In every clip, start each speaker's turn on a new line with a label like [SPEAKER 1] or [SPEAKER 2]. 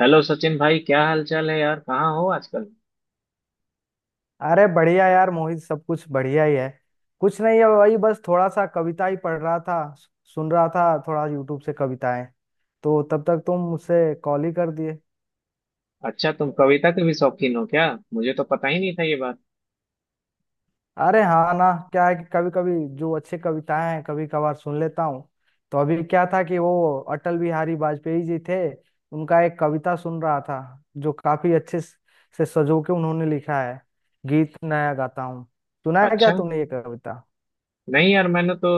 [SPEAKER 1] Hello Sachin भाई, क्या हाल चाल है यार? कहाँ हो आजकल?
[SPEAKER 2] अरे बढ़िया यार मोहित, सब कुछ बढ़िया ही है। कुछ नहीं है, वही बस थोड़ा सा कविता ही पढ़ रहा था, सुन रहा था थोड़ा यूट्यूब से कविताएं। तो तब तक तुम मुझसे कॉल ही कर दिए।
[SPEAKER 1] अच्छा, तुम कविता के भी शौकीन हो क्या? मुझे तो पता ही नहीं था ये बात।
[SPEAKER 2] अरे हाँ ना, क्या है कि कभी कभी जो अच्छे कविताएं हैं कभी कभार सुन लेता हूँ। तो अभी क्या था कि वो अटल बिहारी वाजपेयी जी थे, उनका एक कविता सुन रहा था, जो काफी अच्छे से सजो के उन्होंने लिखा है, गीत नया गाता हूँ। सुना है क्या
[SPEAKER 1] अच्छा।
[SPEAKER 2] तुमने ये कविता?
[SPEAKER 1] नहीं यार, मैंने तो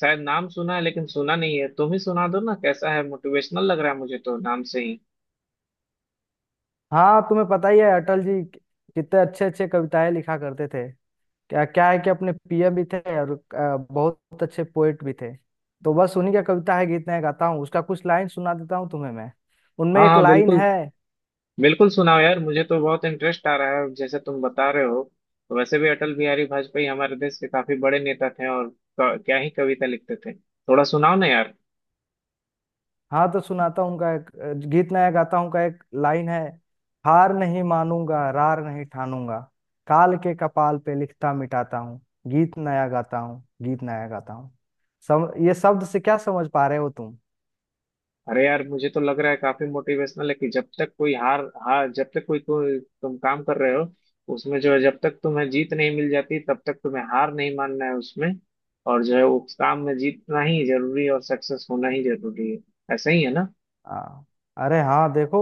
[SPEAKER 1] शायद नाम सुना है लेकिन सुना नहीं है। तुम ही सुना दो ना, कैसा है? मोटिवेशनल लग रहा है मुझे तो नाम से ही।
[SPEAKER 2] हाँ, तुम्हें पता ही है अटल जी कितने अच्छे अच्छे कविताएं लिखा करते थे। क्या क्या है कि अपने पीएम भी थे और बहुत अच्छे पोएट भी थे। तो बस उन्हीं का कविता है, गीत मैं गाता हूँ, उसका कुछ लाइन सुना देता हूँ तुम्हें मैं। उनमें
[SPEAKER 1] हाँ
[SPEAKER 2] एक
[SPEAKER 1] हाँ,
[SPEAKER 2] लाइन
[SPEAKER 1] बिल्कुल।
[SPEAKER 2] है।
[SPEAKER 1] बिल्कुल सुनाओ यार, मुझे तो बहुत इंटरेस्ट आ रहा है जैसे तुम बता रहे हो। वैसे भी अटल बिहारी वाजपेयी हमारे देश के काफी बड़े नेता थे, और क्या ही कविता लिखते थे। थोड़ा सुनाओ ना यार।
[SPEAKER 2] हाँ, तो सुनाता हूँ उनका एक गीत नया गाता हूँ का एक लाइन है। हार नहीं मानूंगा, रार नहीं ठानूंगा, काल के कपाल पे लिखता मिटाता हूँ, गीत नया गाता हूँ, गीत नया गाता हूँ। सम ये शब्द से क्या समझ पा रहे हो तुम?
[SPEAKER 1] अरे यार, मुझे तो लग रहा है काफी मोटिवेशनल है, कि जब तक कोई हार, हार, जब तक कोई कोई तुम काम कर रहे हो, उसमें जो है, जब तक तुम्हें जीत नहीं मिल जाती तब तक तुम्हें हार नहीं मानना है उसमें। और जो है, उस काम में जीतना ही जरूरी है और सक्सेस होना ही जरूरी है। ऐसा ही है ना?
[SPEAKER 2] हाँ। अरे हाँ, देखो,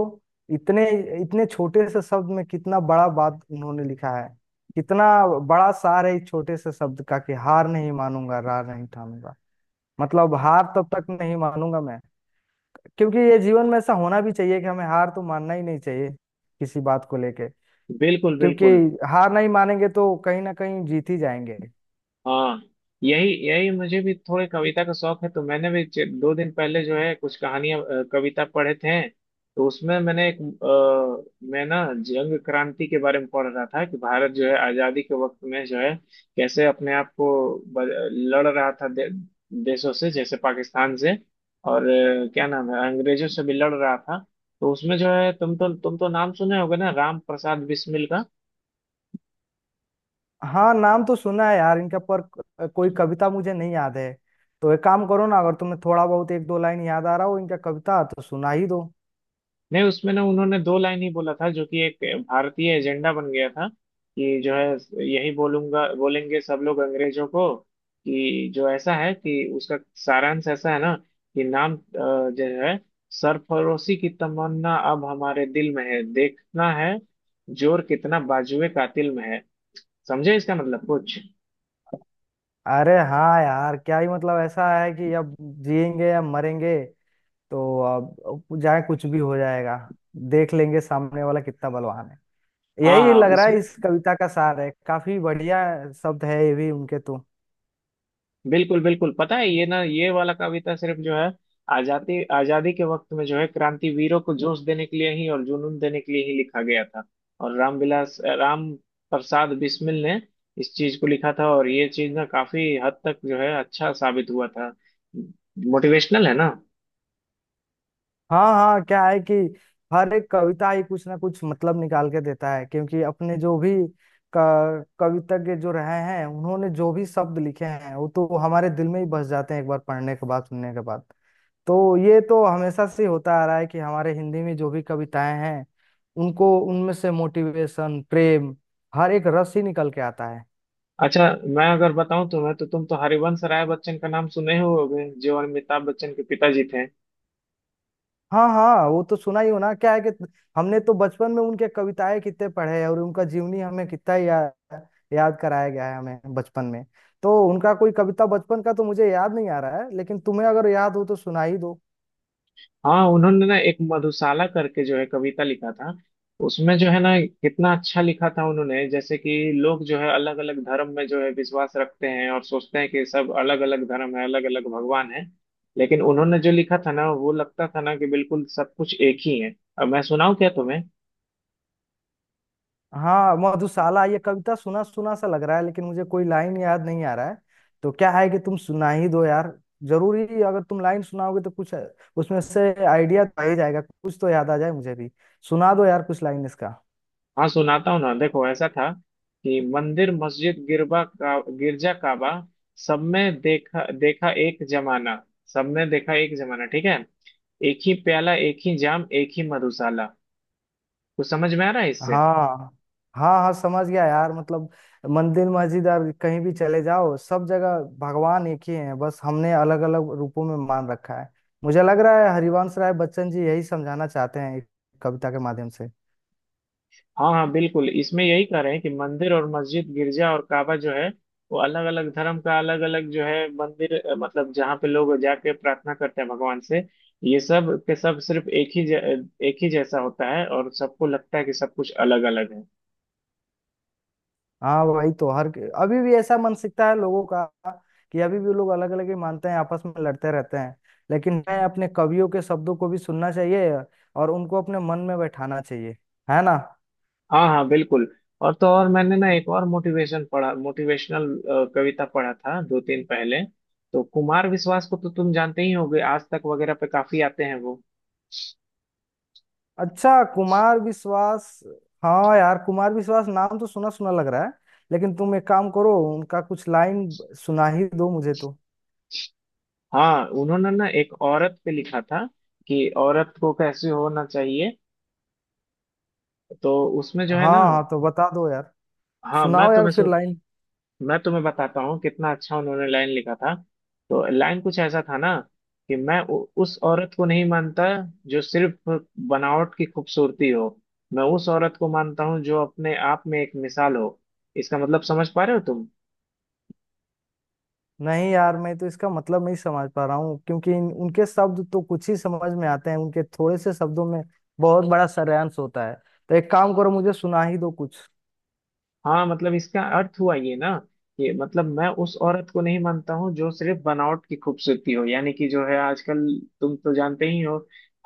[SPEAKER 2] इतने इतने छोटे से शब्द में कितना बड़ा बात उन्होंने लिखा है। कितना बड़ा सार है इस छोटे से शब्द का कि हार नहीं मानूंगा, रार नहीं ठानूंगा। मतलब हार तब तक नहीं मानूंगा मैं, क्योंकि ये जीवन में ऐसा होना भी चाहिए कि हमें हार तो मानना ही नहीं चाहिए किसी बात को लेके।
[SPEAKER 1] बिल्कुल
[SPEAKER 2] क्योंकि
[SPEAKER 1] बिल्कुल।
[SPEAKER 2] हार नहीं मानेंगे तो कहीं ना कहीं जीत ही जाएंगे।
[SPEAKER 1] हाँ, यही यही, मुझे भी थोड़े कविता का शौक है। तो मैंने भी दो दिन पहले जो है, कुछ कहानियां कविता पढ़े थे। तो उसमें मैंने एक मैं ना जंग क्रांति के बारे में पढ़ रहा था, कि भारत जो है आजादी के वक्त में जो है कैसे अपने आप को लड़ रहा था देशों से, जैसे पाकिस्तान से, और क्या नाम है, अंग्रेजों से भी लड़ रहा था। तो उसमें जो है, तुम तो नाम सुने होगे ना राम प्रसाद बिस्मिल का।
[SPEAKER 2] हाँ, नाम तो सुना है यार इनका, पर कोई कविता मुझे नहीं याद है। तो एक काम करो ना, अगर तुम्हें थोड़ा बहुत एक दो लाइन याद आ रहा हो इनका कविता, तो सुना ही दो।
[SPEAKER 1] नहीं, उसमें ना उन्होंने दो लाइन ही बोला था, जो कि एक भारतीय एजेंडा बन गया था। कि जो है, यही बोलूंगा बोलेंगे सब लोग अंग्रेजों को। कि जो ऐसा है कि उसका सारांश ऐसा है ना, कि नाम जो है, सरफरोशी की तमन्ना अब हमारे दिल में है, देखना है जोर कितना बाजुए कातिल में है। समझे इसका मतलब कुछ?
[SPEAKER 2] अरे हाँ यार, क्या ही मतलब ऐसा है कि अब जिएंगे या मरेंगे, तो अब जाए, कुछ भी हो जाएगा, देख लेंगे सामने वाला कितना बलवान है।
[SPEAKER 1] हाँ
[SPEAKER 2] यही
[SPEAKER 1] हाँ।
[SPEAKER 2] लग
[SPEAKER 1] इस,
[SPEAKER 2] रहा है इस कविता का सार है। काफी बढ़िया शब्द है ये भी उनके तो।
[SPEAKER 1] बिल्कुल बिल्कुल, पता है ये ना, ये वाला कविता सिर्फ जो है आजादी, आजादी के वक्त में जो है क्रांतिवीरों को जोश देने के लिए ही और जुनून देने के लिए ही लिखा गया था। और रामविलास राम प्रसाद बिस्मिल ने इस चीज को लिखा था, और ये चीज ना काफी हद तक जो है अच्छा साबित हुआ था। मोटिवेशनल है ना?
[SPEAKER 2] हाँ हाँ, क्या है कि हर एक कविता ही कुछ ना कुछ मतलब निकाल के देता है, क्योंकि अपने जो भी कवितज्ञ जो रहे हैं, उन्होंने जो भी शब्द लिखे हैं वो तो हमारे दिल में ही बस जाते हैं एक बार पढ़ने के बाद, सुनने के बाद। तो ये तो हमेशा से होता आ रहा है कि हमारे हिंदी में जो भी कविताएं हैं, उनको उनमें से मोटिवेशन, प्रेम, हर एक रस ही निकल के आता है।
[SPEAKER 1] अच्छा, मैं अगर बताऊं तुम्हें, तो तुम तो हरिवंश राय बच्चन का नाम सुने ही होगे, जो अमिताभ बच्चन के पिताजी थे।
[SPEAKER 2] हाँ हाँ, वो तो सुना ही हो ना। क्या है कि हमने तो बचपन में उनके कविताएं कितने पढ़े हैं, और उनका जीवनी हमें कितना ही याद कराया गया है हमें बचपन में। तो उनका कोई कविता बचपन का तो मुझे याद नहीं आ रहा है, लेकिन तुम्हें अगर याद हो तो सुना ही दो।
[SPEAKER 1] हाँ, उन्होंने ना एक मधुशाला करके जो है कविता लिखा था। उसमें जो है ना, कितना अच्छा लिखा था उन्होंने, जैसे कि लोग जो है अलग अलग धर्म में जो है विश्वास रखते हैं और सोचते हैं कि सब अलग अलग धर्म है, अलग अलग भगवान है। लेकिन उन्होंने जो लिखा था ना, वो लगता था ना कि बिल्कुल सब कुछ एक ही है। अब मैं सुनाऊं क्या तुम्हें?
[SPEAKER 2] हाँ, मधुशाला ये कविता सुना सुना सा लग रहा है, लेकिन मुझे कोई लाइन याद नहीं आ रहा है। तो क्या है कि तुम सुना ही दो यार। जरूरी, अगर तुम लाइन सुनाओगे तो कुछ उसमें से आइडिया तो आ ही जाएगा, कुछ तो याद आ जाए मुझे भी। सुना दो यार कुछ लाइन इसका।
[SPEAKER 1] हाँ सुनाता हूँ ना, देखो ऐसा था कि मंदिर मस्जिद गिरबा का गिरजा काबा, सब में देखा देखा एक जमाना, सब में देखा एक जमाना, ठीक है, एक ही प्याला एक ही जाम एक ही मधुशाला। कुछ समझ में आ रहा है इससे?
[SPEAKER 2] हाँ। हाँ हाँ, समझ गया यार। मतलब मंदिर मस्जिद और कहीं भी चले जाओ, सब जगह भगवान एक ही है, बस हमने अलग अलग रूपों में मान रखा है। मुझे लग रहा है हरिवंश राय बच्चन जी यही समझाना चाहते हैं एक कविता के माध्यम से।
[SPEAKER 1] हाँ हाँ, बिल्कुल, इसमें यही कह रहे हैं कि मंदिर और मस्जिद गिरजा और काबा जो है, वो अलग अलग धर्म का अलग अलग जो है मंदिर मतलब जहाँ पे लोग जाके प्रार्थना करते हैं भगवान से, ये सब के सब सिर्फ एक ही एक ही जैसा होता है, और सबको लगता है कि सब कुछ अलग अलग है।
[SPEAKER 2] हाँ, वही तो। हर, अभी भी ऐसा मानसिकता है लोगों का कि अभी भी लोग अलग अलग ही मानते हैं, आपस में लड़ते रहते हैं। लेकिन मैं, अपने कवियों के शब्दों को भी सुनना चाहिए और उनको अपने मन में बैठाना चाहिए, है ना?
[SPEAKER 1] हाँ हाँ बिल्कुल। और तो और, मैंने ना एक और मोटिवेशन पढ़ा, मोटिवेशनल कविता पढ़ा था दो तीन पहले। तो कुमार विश्वास को तो तुम जानते ही होगे, आज तक वगैरह पे काफी आते हैं वो।
[SPEAKER 2] अच्छा, कुमार विश्वास। हाँ यार, कुमार विश्वास नाम तो सुना सुना लग रहा है। लेकिन तुम एक काम करो, उनका कुछ लाइन सुना ही दो मुझे तो।
[SPEAKER 1] हाँ, उन्होंने ना एक औरत पे लिखा था, कि औरत को कैसे होना चाहिए। तो उसमें जो
[SPEAKER 2] हाँ
[SPEAKER 1] है ना,
[SPEAKER 2] हाँ, तो बता दो यार।
[SPEAKER 1] हाँ
[SPEAKER 2] सुनाओ यार फिर लाइन।
[SPEAKER 1] मैं तुम्हें बताता हूँ कितना अच्छा उन्होंने लाइन लिखा था। तो लाइन कुछ ऐसा था ना, कि मैं उस औरत को नहीं मानता जो सिर्फ बनावट की खूबसूरती हो, मैं उस औरत को मानता हूँ जो अपने आप में एक मिसाल हो। इसका मतलब समझ पा रहे हो तुम?
[SPEAKER 2] नहीं यार, मैं तो इसका मतलब नहीं समझ पा रहा हूँ, क्योंकि उनके शब्द तो कुछ ही समझ में आते हैं। उनके थोड़े से शब्दों में बहुत बड़ा सारांश होता है। तो एक काम करो, मुझे सुना ही दो कुछ।
[SPEAKER 1] हाँ, मतलब इसका अर्थ हुआ ये ना, कि मतलब मैं उस औरत को नहीं मानता हूँ जो सिर्फ बनावट की खूबसूरती हो, यानी कि जो है आजकल, तुम तो जानते ही हो,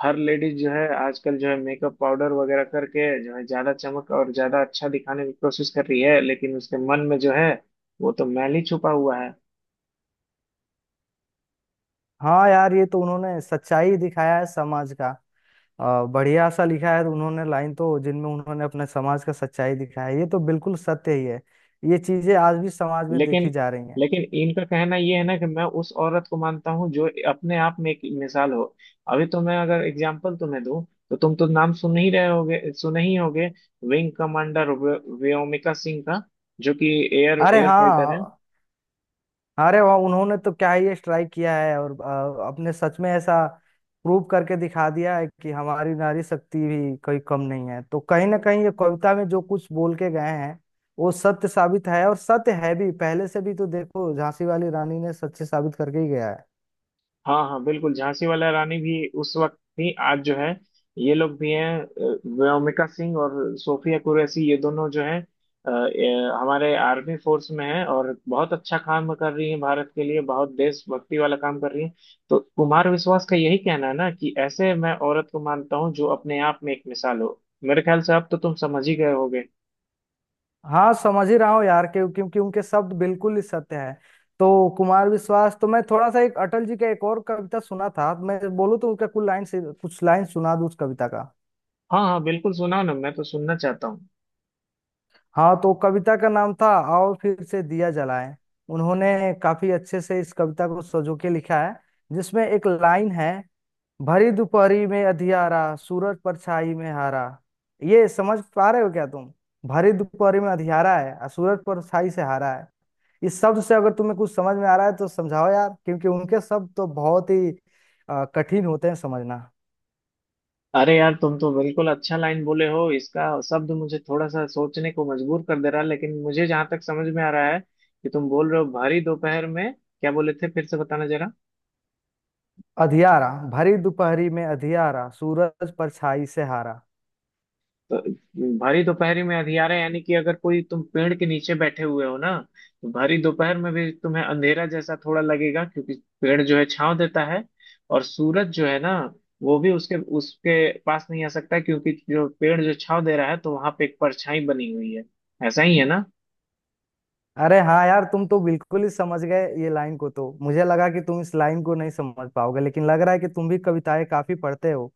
[SPEAKER 1] हर लेडीज जो है आजकल जो है मेकअप पाउडर वगैरह करके जो है ज्यादा चमक और ज्यादा अच्छा दिखाने की कोशिश कर रही है, लेकिन उसके मन में जो है वो तो मैल ही छुपा हुआ है।
[SPEAKER 2] हाँ यार, ये तो उन्होंने सच्चाई दिखाया है समाज का। बढ़िया सा लिखा है उन्होंने लाइन तो, जिनमें उन्होंने अपने समाज का सच्चाई दिखा है। ये तो बिल्कुल सत्य ही है। ये चीजें आज भी समाज में देखी
[SPEAKER 1] लेकिन
[SPEAKER 2] जा रही हैं।
[SPEAKER 1] लेकिन इनका कहना ये है ना, कि मैं उस औरत को मानता हूँ जो अपने आप में एक मिसाल हो। अभी तो मैं अगर एग्जाम्पल तुम्हें दूं, तो तुम तो नाम सुन ही रहे होगे, सुने ही होगे, विंग कमांडर व्योमिका सिंह का, जो कि एयर
[SPEAKER 2] अरे
[SPEAKER 1] एयर फाइटर है।
[SPEAKER 2] हाँ। अरे वाह, उन्होंने तो क्या ही स्ट्राइक किया है, और अपने सच में ऐसा प्रूव करके दिखा दिया है कि हमारी नारी शक्ति भी कोई कम नहीं है। तो कहीं ना कहीं ये कविता में जो कुछ बोल के गए हैं, वो सत्य साबित है, और सत्य है भी। पहले से भी तो देखो, झांसी वाली रानी ने सत्य साबित करके ही गया है।
[SPEAKER 1] हाँ हाँ, बिल्कुल, झांसी वाला रानी भी उस वक्त थी, आज जो है ये लोग भी हैं, व्योमिका सिंह और सोफिया कुरैशी, ये दोनों जो हैं हमारे आर्मी फोर्स में हैं और बहुत अच्छा काम कर रही हैं, भारत के लिए बहुत देशभक्ति वाला काम कर रही हैं। तो कुमार विश्वास का यही कहना है ना कि ऐसे मैं औरत को मानता हूँ जो अपने आप में एक मिसाल हो। मेरे ख्याल से अब तो तुम समझ ही गए होगे।
[SPEAKER 2] हाँ समझ ही रहा हूँ यार, क्योंकि उनके शब्द बिल्कुल ही सत्य है। तो कुमार विश्वास तो, मैं थोड़ा सा एक अटल जी का एक और कविता सुना था, मैं बोलूँ तो उनका कुल लाइन से कुछ लाइन सुना दूँ उस कविता का।
[SPEAKER 1] हाँ हाँ, बिल्कुल सुनाओ ना, मैं तो सुनना चाहता हूँ।
[SPEAKER 2] हाँ तो कविता का नाम था आओ फिर से दिया जलाएं। उन्होंने काफी अच्छे से इस कविता को सजो के लिखा है, जिसमें एक लाइन है, भरी दोपहरी में अधियारा, सूरज परछाई में हारा। ये समझ पा रहे हो क्या तुम? भरी दोपहरी में अधियारा है और सूरज परछाई से हारा है। इस शब्द से अगर तुम्हें कुछ समझ में आ रहा है तो समझाओ यार, क्योंकि उनके शब्द तो बहुत ही कठिन होते हैं समझना।
[SPEAKER 1] अरे यार, तुम तो बिल्कुल अच्छा लाइन बोले हो, इसका शब्द मुझे थोड़ा सा सोचने को मजबूर कर दे रहा है। लेकिन मुझे जहां तक समझ में आ रहा है कि तुम बोल रहे हो भारी दोपहर में, क्या बोले थे फिर से बताना जरा?
[SPEAKER 2] अधियारा, भरी दोपहरी में अधियारा, सूरज परछाई से हारा।
[SPEAKER 1] तो भारी दोपहरी में अंधियारा, यानी कि अगर कोई तुम पेड़ के नीचे बैठे हुए हो ना, तो भारी दोपहर में भी तुम्हें अंधेरा जैसा थोड़ा लगेगा, क्योंकि पेड़ जो है छांव देता है, और सूरज जो है ना वो भी उसके उसके पास नहीं आ सकता, क्योंकि जो पेड़ जो छांव दे रहा है तो वहां पे एक परछाई बनी हुई है। ऐसा ही है ना?
[SPEAKER 2] अरे हाँ यार, तुम तो बिल्कुल ही समझ गए ये लाइन को। तो मुझे लगा कि तुम इस लाइन को नहीं समझ पाओगे, लेकिन लग रहा है कि तुम भी कविताएं काफी पढ़ते हो,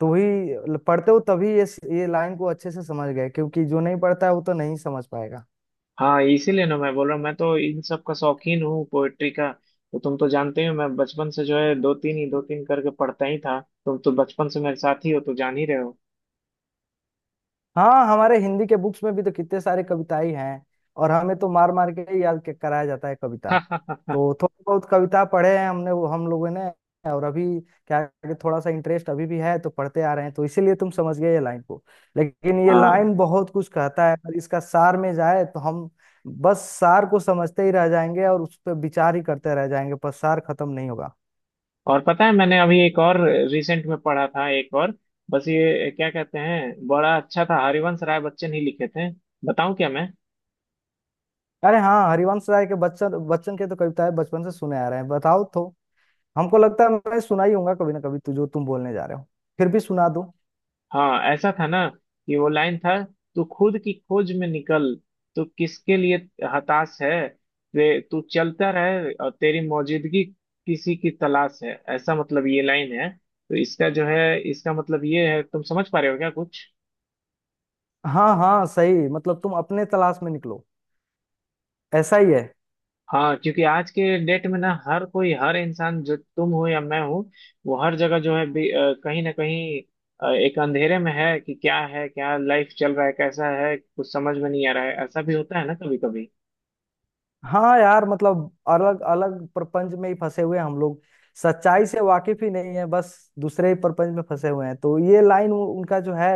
[SPEAKER 2] तो ही पढ़ते हो तभी ये लाइन को अच्छे से समझ गए। क्योंकि जो नहीं पढ़ता है वो तो नहीं समझ पाएगा।
[SPEAKER 1] हाँ, इसीलिए ना मैं बोल रहा हूँ, मैं तो इन सब का शौकीन हूँ पोएट्री का। तो तुम तो जानते ही हो, मैं बचपन से जो है दो तीन ही दो तीन करके पढ़ता ही था। तुम तो बचपन से मेरे साथ ही हो, तो जान ही रहे हो।
[SPEAKER 2] हाँ, हमारे हिंदी के बुक्स में भी तो कितने सारे कविताएं हैं, और हमें तो मार मार के ही याद कराया जाता है कविता। तो थोड़ी बहुत कविता पढ़े हैं हमने, वो हम लोगों ने। और अभी क्या है कि थोड़ा सा इंटरेस्ट अभी भी है, तो पढ़ते आ रहे हैं, तो इसीलिए तुम समझ गए ये लाइन को। लेकिन ये
[SPEAKER 1] हाँ,
[SPEAKER 2] लाइन बहुत कुछ कहता है, अगर इसका सार में जाए तो हम बस सार को समझते ही रह जाएंगे और उस पर विचार ही करते रह जाएंगे, पर सार खत्म नहीं होगा।
[SPEAKER 1] और पता है, मैंने अभी एक और रिसेंट में पढ़ा था, एक और, बस ये क्या कहते हैं, बड़ा अच्छा था, हरिवंश राय बच्चन ही लिखे थे। बताऊं क्या मैं?
[SPEAKER 2] अरे हाँ, हरिवंश राय के बच्चन, बच्चन के तो कविताएं बचपन से सुने आ रहे हैं, बताओ तो। हमको लगता है मैं सुना ही होगा कभी ना कभी तू जो तुम बोलने जा रहे हो, फिर भी सुना दूं।
[SPEAKER 1] हाँ, ऐसा था ना कि वो लाइन था, तू खुद की खोज में निकल, तू किसके लिए हताश है, तू चलता रहे और तेरी मौजूदगी किसी की तलाश है, ऐसा मतलब ये लाइन है। तो इसका जो है, इसका मतलब ये है, तुम समझ पा रहे हो क्या कुछ?
[SPEAKER 2] हाँ हाँ सही, मतलब तुम अपने तलाश में निकलो, ऐसा ही है।
[SPEAKER 1] हाँ, क्योंकि आज के डेट में ना हर कोई, हर इंसान, जो तुम हो या मैं हूँ, वो हर जगह जो है कहीं ना कहीं एक अंधेरे में है कि क्या है, क्या लाइफ चल रहा है, कैसा है, कुछ समझ में नहीं आ रहा है, ऐसा भी होता है ना कभी कभी।
[SPEAKER 2] हाँ यार, मतलब अलग अलग प्रपंच में ही फंसे हुए हैं हम लोग। सच्चाई से वाकिफ ही नहीं है, बस दूसरे ही प्रपंच में फंसे हुए हैं। तो ये लाइन उनका जो है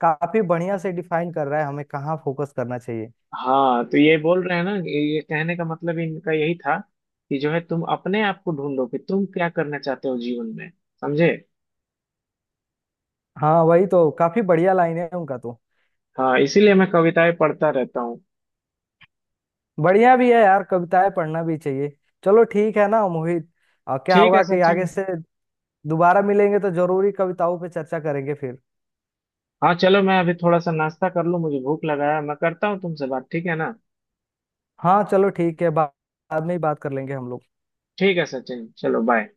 [SPEAKER 2] काफी बढ़िया से डिफाइन कर रहा है हमें कहाँ फोकस करना चाहिए।
[SPEAKER 1] हाँ, तो ये बोल रहे हैं ना, ये कहने का मतलब इनका यही था, कि जो है तुम अपने आप को ढूंढो कि तुम क्या करना चाहते हो जीवन में। समझे?
[SPEAKER 2] हाँ, वही तो काफी बढ़िया लाइन है उनका तो।
[SPEAKER 1] हाँ, इसीलिए मैं कविताएं पढ़ता रहता हूँ।
[SPEAKER 2] बढ़िया भी है यार, कविताएं पढ़ना भी चाहिए। चलो ठीक है ना मोहित, और क्या
[SPEAKER 1] ठीक है
[SPEAKER 2] होगा कि आगे
[SPEAKER 1] सचिन।
[SPEAKER 2] से दोबारा मिलेंगे तो जरूरी कविताओं पे चर्चा करेंगे फिर।
[SPEAKER 1] हाँ चलो, मैं अभी थोड़ा सा नाश्ता कर लूँ, मुझे भूख लगा है। मैं करता हूँ तुमसे बात, ठीक है ना?
[SPEAKER 2] हाँ चलो ठीक है, बाद में ही बात कर लेंगे हम लोग।
[SPEAKER 1] ठीक है सचिन, चलो बाय।